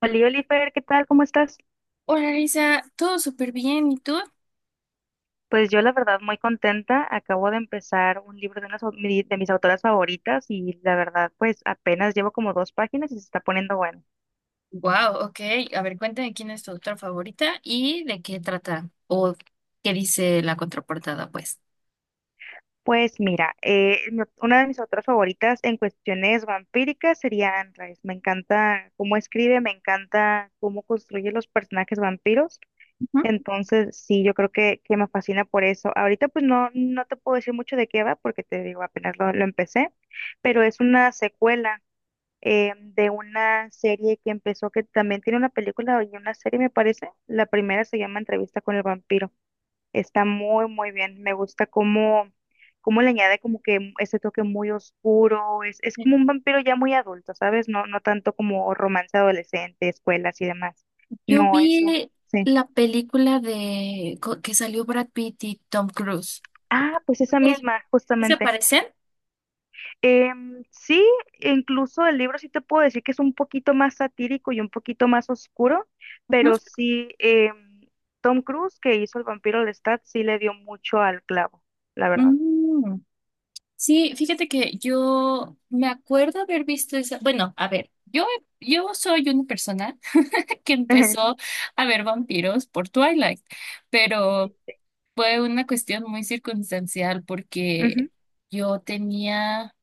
Oli, Oliver, ¿qué tal? ¿Cómo estás? Hola Lisa, todo súper bien, ¿y tú? Pues yo la verdad muy contenta. Acabo de empezar un libro de, unas, de mis autoras favoritas y la verdad pues apenas llevo como dos páginas y se está poniendo bueno. Wow, ok. A ver, cuéntame quién es tu autora favorita y de qué trata o qué dice la contraportada, pues. Pues mira, una de mis autoras favoritas en cuestiones vampíricas sería Anne Rice. Me encanta cómo escribe, me encanta cómo construye los personajes vampiros. Ujú. Entonces, sí, yo creo que me fascina por eso. Ahorita pues no, no te puedo decir mucho de qué va porque te digo, apenas lo empecé, pero es una secuela, de una serie que empezó, que también tiene una película y una serie, me parece. La primera se llama Entrevista con el vampiro. Está muy, muy bien. Me gusta cómo, cómo le añade como que ese toque muy oscuro. Es como un vampiro ya muy adulto, ¿sabes? No, no tanto como romance adolescente, escuelas y demás. Yo No, eso, vi sí. la película que salió Brad Pitt y Tom Cruise. Ah, pues Ok, esa misma, ¿sí se justamente. parecen? Sí, incluso el libro sí te puedo decir que es un poquito más satírico y un poquito más oscuro, Ujú. pero sí, Tom Cruise, que hizo El vampiro Lestat, sí le dio mucho al clavo, la verdad. Mm, Sí, fíjate que yo me acuerdo haber visto esa. Bueno, a ver, yo soy una persona que empezó a ver vampiros por Twilight, Sí, pero sí. fue una cuestión muy circunstancial porque Ujú, yo tenía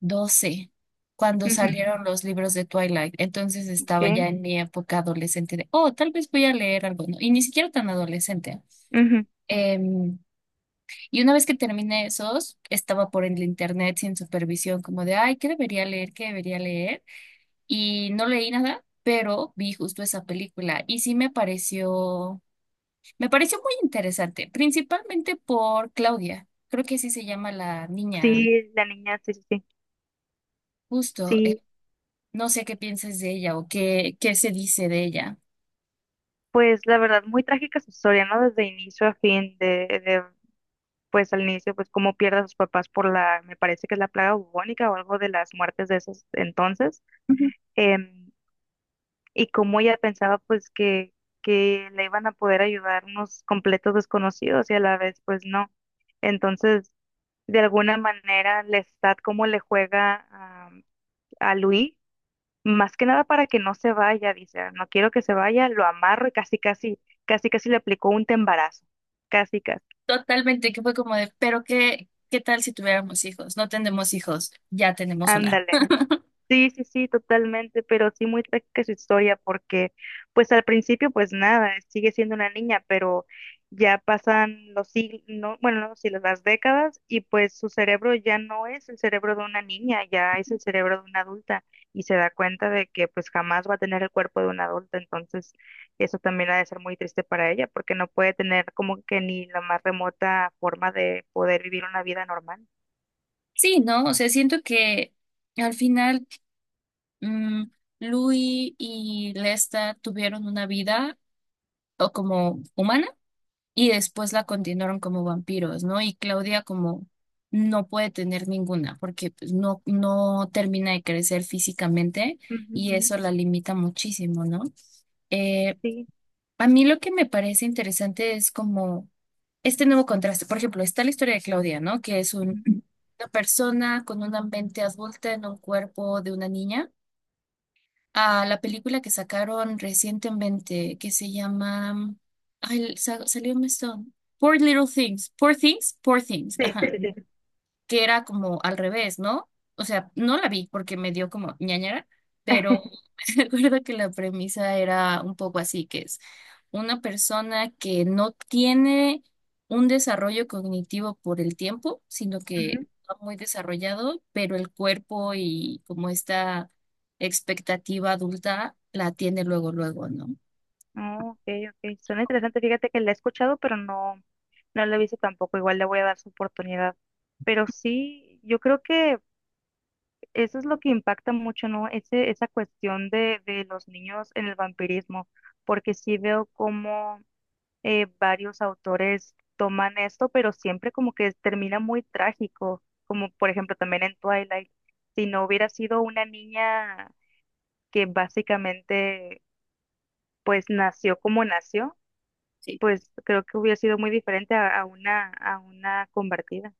12 cuando ujú, salieron los libros de Twilight. Entonces estaba ok, ya en mi época adolescente de, oh, tal vez voy a leer algo, ¿no? Y ni siquiera tan adolescente. ujú. Em, y una vez que terminé esos, estaba por el internet sin supervisión, como de, ay, ¿qué debería leer? ¿Qué debería leer? Y no leí nada, pero vi justo esa película y sí me pareció muy interesante, principalmente por Claudia. Creo que así se llama la niña, Sí, la niña, sí, sí, sí. justo. Sí, No sé qué piensas de ella o qué se dice de ella. pues la verdad, muy trágica su historia, ¿no? Desde inicio a fin, de, pues al inicio, pues cómo pierde a sus papás por la, me parece que es la plaga bubónica o algo de las muertes de esos entonces. Ujú. Em, y cómo ella pensaba pues que le iban a poder ayudar unos completos desconocidos y a la vez pues no. Entonces, de alguna manera, Lestat cómo le juega a Louis, más que nada para que no se vaya, dice: "Ah, no quiero que se vaya, lo amarro y casi, casi, casi, casi le aplicó un tembarazo, casi, casi", Totalmente, que fue como de, pero qué tal si tuviéramos hijos? No tenemos hijos, ya tenemos una. ándale. Sí, sí, sí, totalmente, pero sí muy trágica su historia porque pues al principio pues nada, sigue siendo una niña, pero ya pasan los siglos, no, bueno, no los siglos, las décadas y pues su cerebro ya no es el cerebro de una niña, ya es el cerebro de una adulta y se da cuenta de que pues jamás va a tener el cuerpo de una adulta, entonces eso también ha de ser muy triste para ella porque no puede tener como que ni la más remota forma de poder vivir una vida normal. Sí, ¿no? O sea, siento que al final, mm, Louis y Lesta tuvieron una vida o como humana y después la continuaron como vampiros, ¿no? Y Claudia como no puede tener ninguna porque pues, no, no termina de crecer físicamente Ujú, y ujú, eso la limita muchísimo, ¿no? Eh, sí, a mí lo que me parece interesante es como este nuevo contraste. Por ejemplo, está la historia de Claudia, ¿no? Que es ujú. una persona con una mente adulta en un cuerpo de una niña, a la película que sacaron recientemente que se llama... Ay, salió un esto, Poor Little Things. Poor Things, Poor Things. Sí, Ajá, sí, sí. que era como al revés, ¿no? O sea, no la vi porque me dio como ñañara, pero recuerdo que la premisa era un poco así, que es una persona que no tiene un desarrollo cognitivo por el tiempo, sino que está muy desarrollado, pero el cuerpo y como esta expectativa adulta la tiene luego, luego, ¿no? Oh, ok, ok. Suena interesante. Fíjate que la he escuchado, pero no, no la he visto tampoco. Igual le voy a dar su oportunidad. Pero sí, yo creo que eso es lo que impacta mucho, ¿no? Ese, esa cuestión de los niños en el vampirismo, porque sí veo cómo varios autores toman esto, pero siempre como que termina muy trágico, como por ejemplo también en Twilight. Si no hubiera sido una niña que básicamente pues nació como nació, pues creo que hubiera sido muy diferente a una convertida.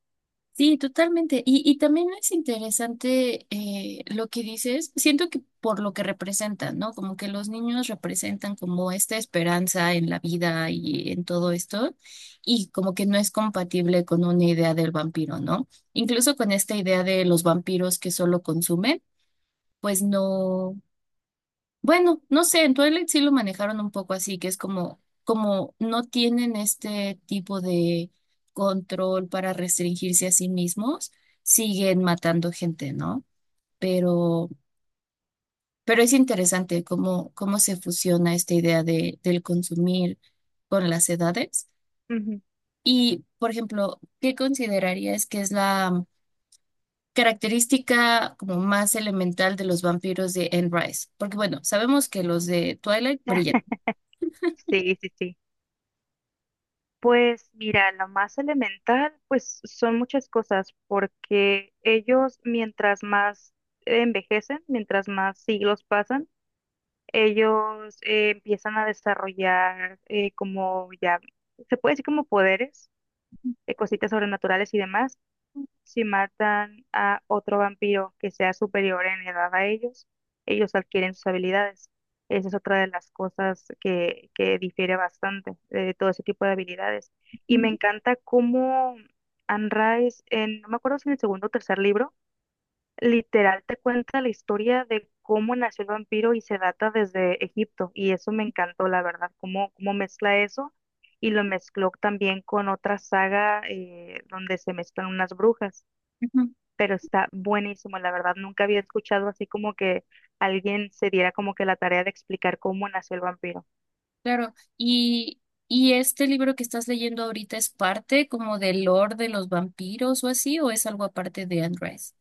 Sí, totalmente. Y también es interesante, lo que dices. Siento que por lo que representan, ¿no? Como que los niños representan como esta esperanza en la vida y en todo esto, y como que no es compatible con una idea del vampiro, ¿no? Incluso con esta idea de los vampiros que solo consumen, pues no. Bueno, no sé, en Twilight sí lo manejaron un poco así, que es como, no tienen este tipo de control para restringirse a sí mismos, siguen matando gente, ¿no? Pero, pero es interesante cómo se fusiona esta idea del consumir con las edades. Ujú. Y, por ejemplo, ¿qué considerarías que es la característica como más elemental de los vampiros de Anne Rice? Porque, bueno, sabemos que los de Twilight brillan. Sí, sí, sí. Pues mira, lo más elemental, pues son muchas cosas, porque ellos mientras más envejecen, mientras más siglos pasan, ellos empiezan a desarrollar como ya, se puede decir como poderes, cositas sobrenaturales y demás. Si matan a otro vampiro que sea superior en edad a ellos, ellos adquieren sus habilidades. Esa es otra de las cosas que difiere bastante de todo ese tipo de habilidades. Y me encanta cómo Anne Rice, en, no me acuerdo si en el segundo o tercer libro, literal te cuenta la historia de cómo nació el vampiro y se data desde Egipto. Y eso me encantó, la verdad, cómo, cómo mezcla eso y lo mezcló también con otra saga, donde se mezclan unas brujas, Ujú. pero está buenísimo, la verdad, nunca había escuchado así como que alguien se diera como que la tarea de explicar cómo nació el vampiro. Claro, y este libro que estás leyendo ahorita, ¿es parte como del lore de los vampiros o así, o es algo aparte de Andrés?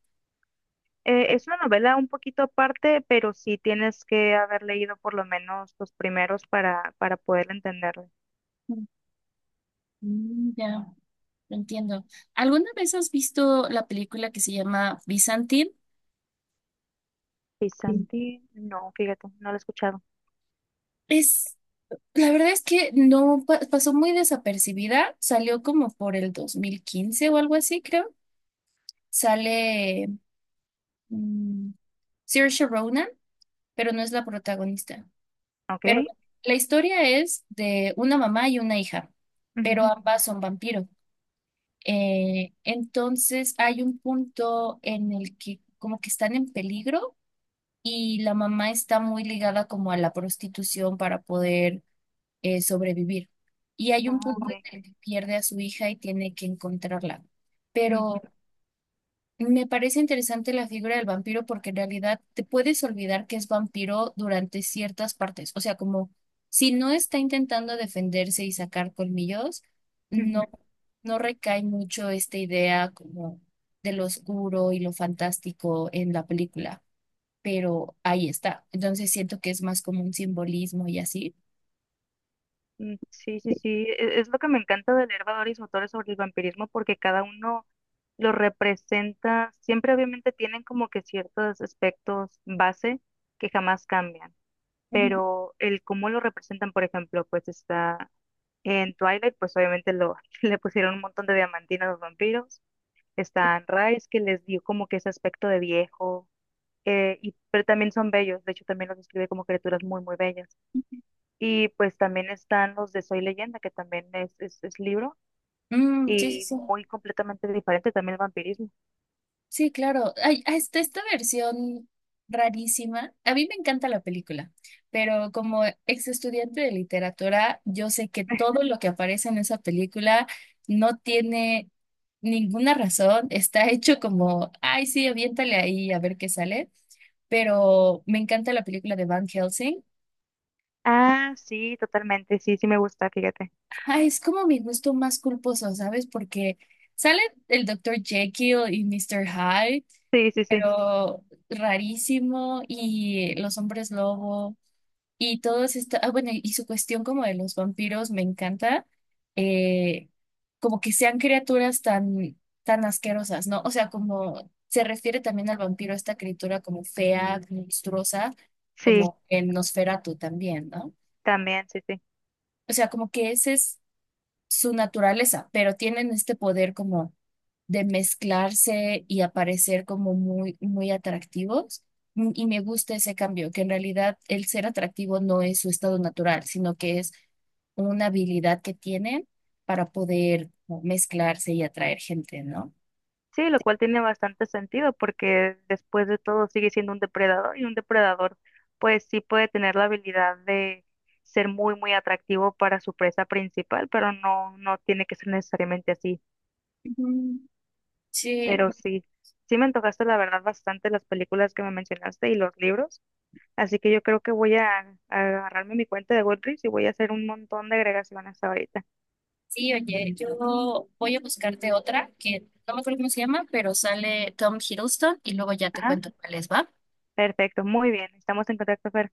Es una novela un poquito aparte, pero sí tienes que haber leído por lo menos los primeros para poder entenderlo. Mm, mm, ya, lo entiendo. ¿Alguna vez has visto la película que se llama Byzantine? Sí. Pisanti, no, fíjate, no lo he escuchado. Es, la verdad es que no pasó muy desapercibida, salió como por el 2015 o algo así, creo. Sale, mm, Saoirse Ronan, pero no es la protagonista. Ok. Pero bueno, la historia es de una mamá y una hija, pero Ujú. ambas son vampiros. Entonces hay un punto en el que como que están en peligro y la mamá está muy ligada como a la prostitución para poder, sobrevivir. Y hay un Ah, punto ok. en el que pierde a su hija y tiene que encontrarla. Ujú, Pero me parece interesante la figura del vampiro porque en realidad te puedes olvidar que es vampiro durante ciertas partes. O sea, como si no está intentando defenderse y sacar colmillos, no, ujú. no recae mucho esta idea como de lo oscuro y lo fantástico en la película, pero ahí está. Entonces siento que es más como un simbolismo y así. Mm, sí, sí, sí. Es lo que me encanta de leer valores y autores sobre el vampirismo porque cada uno lo representa. Siempre obviamente tienen como que ciertos aspectos base que jamás cambian, Ujú. pero el cómo lo representan, por ejemplo, pues está en Twilight, pues obviamente lo, le pusieron un montón de diamantina a los vampiros. Está en Rise, que les dio como que ese aspecto de viejo, y, pero también son bellos. De hecho, también los describe como criaturas muy, muy bellas. Y pues también están los de Soy Leyenda, que también es libro Mm, sí, sí, y sí. muy completamente diferente también el vampirismo. Sí, claro. Ay, hasta esta versión rarísima. A mí me encanta la película, pero como ex estudiante de literatura, yo sé que todo lo que aparece en esa película no tiene ninguna razón. Está hecho como, ay, sí, aviéntale ahí a ver qué sale. Pero me encanta la película de Van Helsing. Ah, sí, totalmente, sí, sí me gusta, fíjate. Ay, es como mi gusto más culposo, ¿sabes? Porque sale el doctor Jekyll y Mr. Hyde, Sí, sí, sí, pero rarísimo, y los hombres lobo y todos esta, ah, bueno, y su cuestión como de los vampiros me encanta, eh, como que sean criaturas tan, tan asquerosas, ¿no? O sea, como se refiere también al vampiro, esta criatura como fea, monstruosa, sí, como en Nosferatu también, ¿no? también, sí, sí. O sea, como que esa es su naturaleza, pero tienen este poder como de mezclarse y aparecer como muy, muy atractivos. Y me gusta ese cambio, que en realidad el ser atractivo no es su estado natural, sino que es una habilidad que tienen para poder como mezclarse y atraer gente, ¿no? Sí, lo cual tiene bastante sentido porque después de todo sigue siendo un depredador y un depredador pues sí puede tener la habilidad de ser muy, muy atractivo para su presa principal, pero no, no tiene que ser necesariamente así. Ujú. Sí, Pero sí, sí me antojaste la verdad bastante las películas que me mencionaste y los libros, así que yo creo que voy a agarrarme mi cuenta de Goodreads y voy a hacer un montón de agregaciones ahorita. sí, oye, yo voy a buscarte otra que no me acuerdo cómo se llama, pero sale Tom Hiddleston y luego ya te Ajá, cuento cuál es, ¿va? perfecto, muy bien, estamos en contacto, Fer.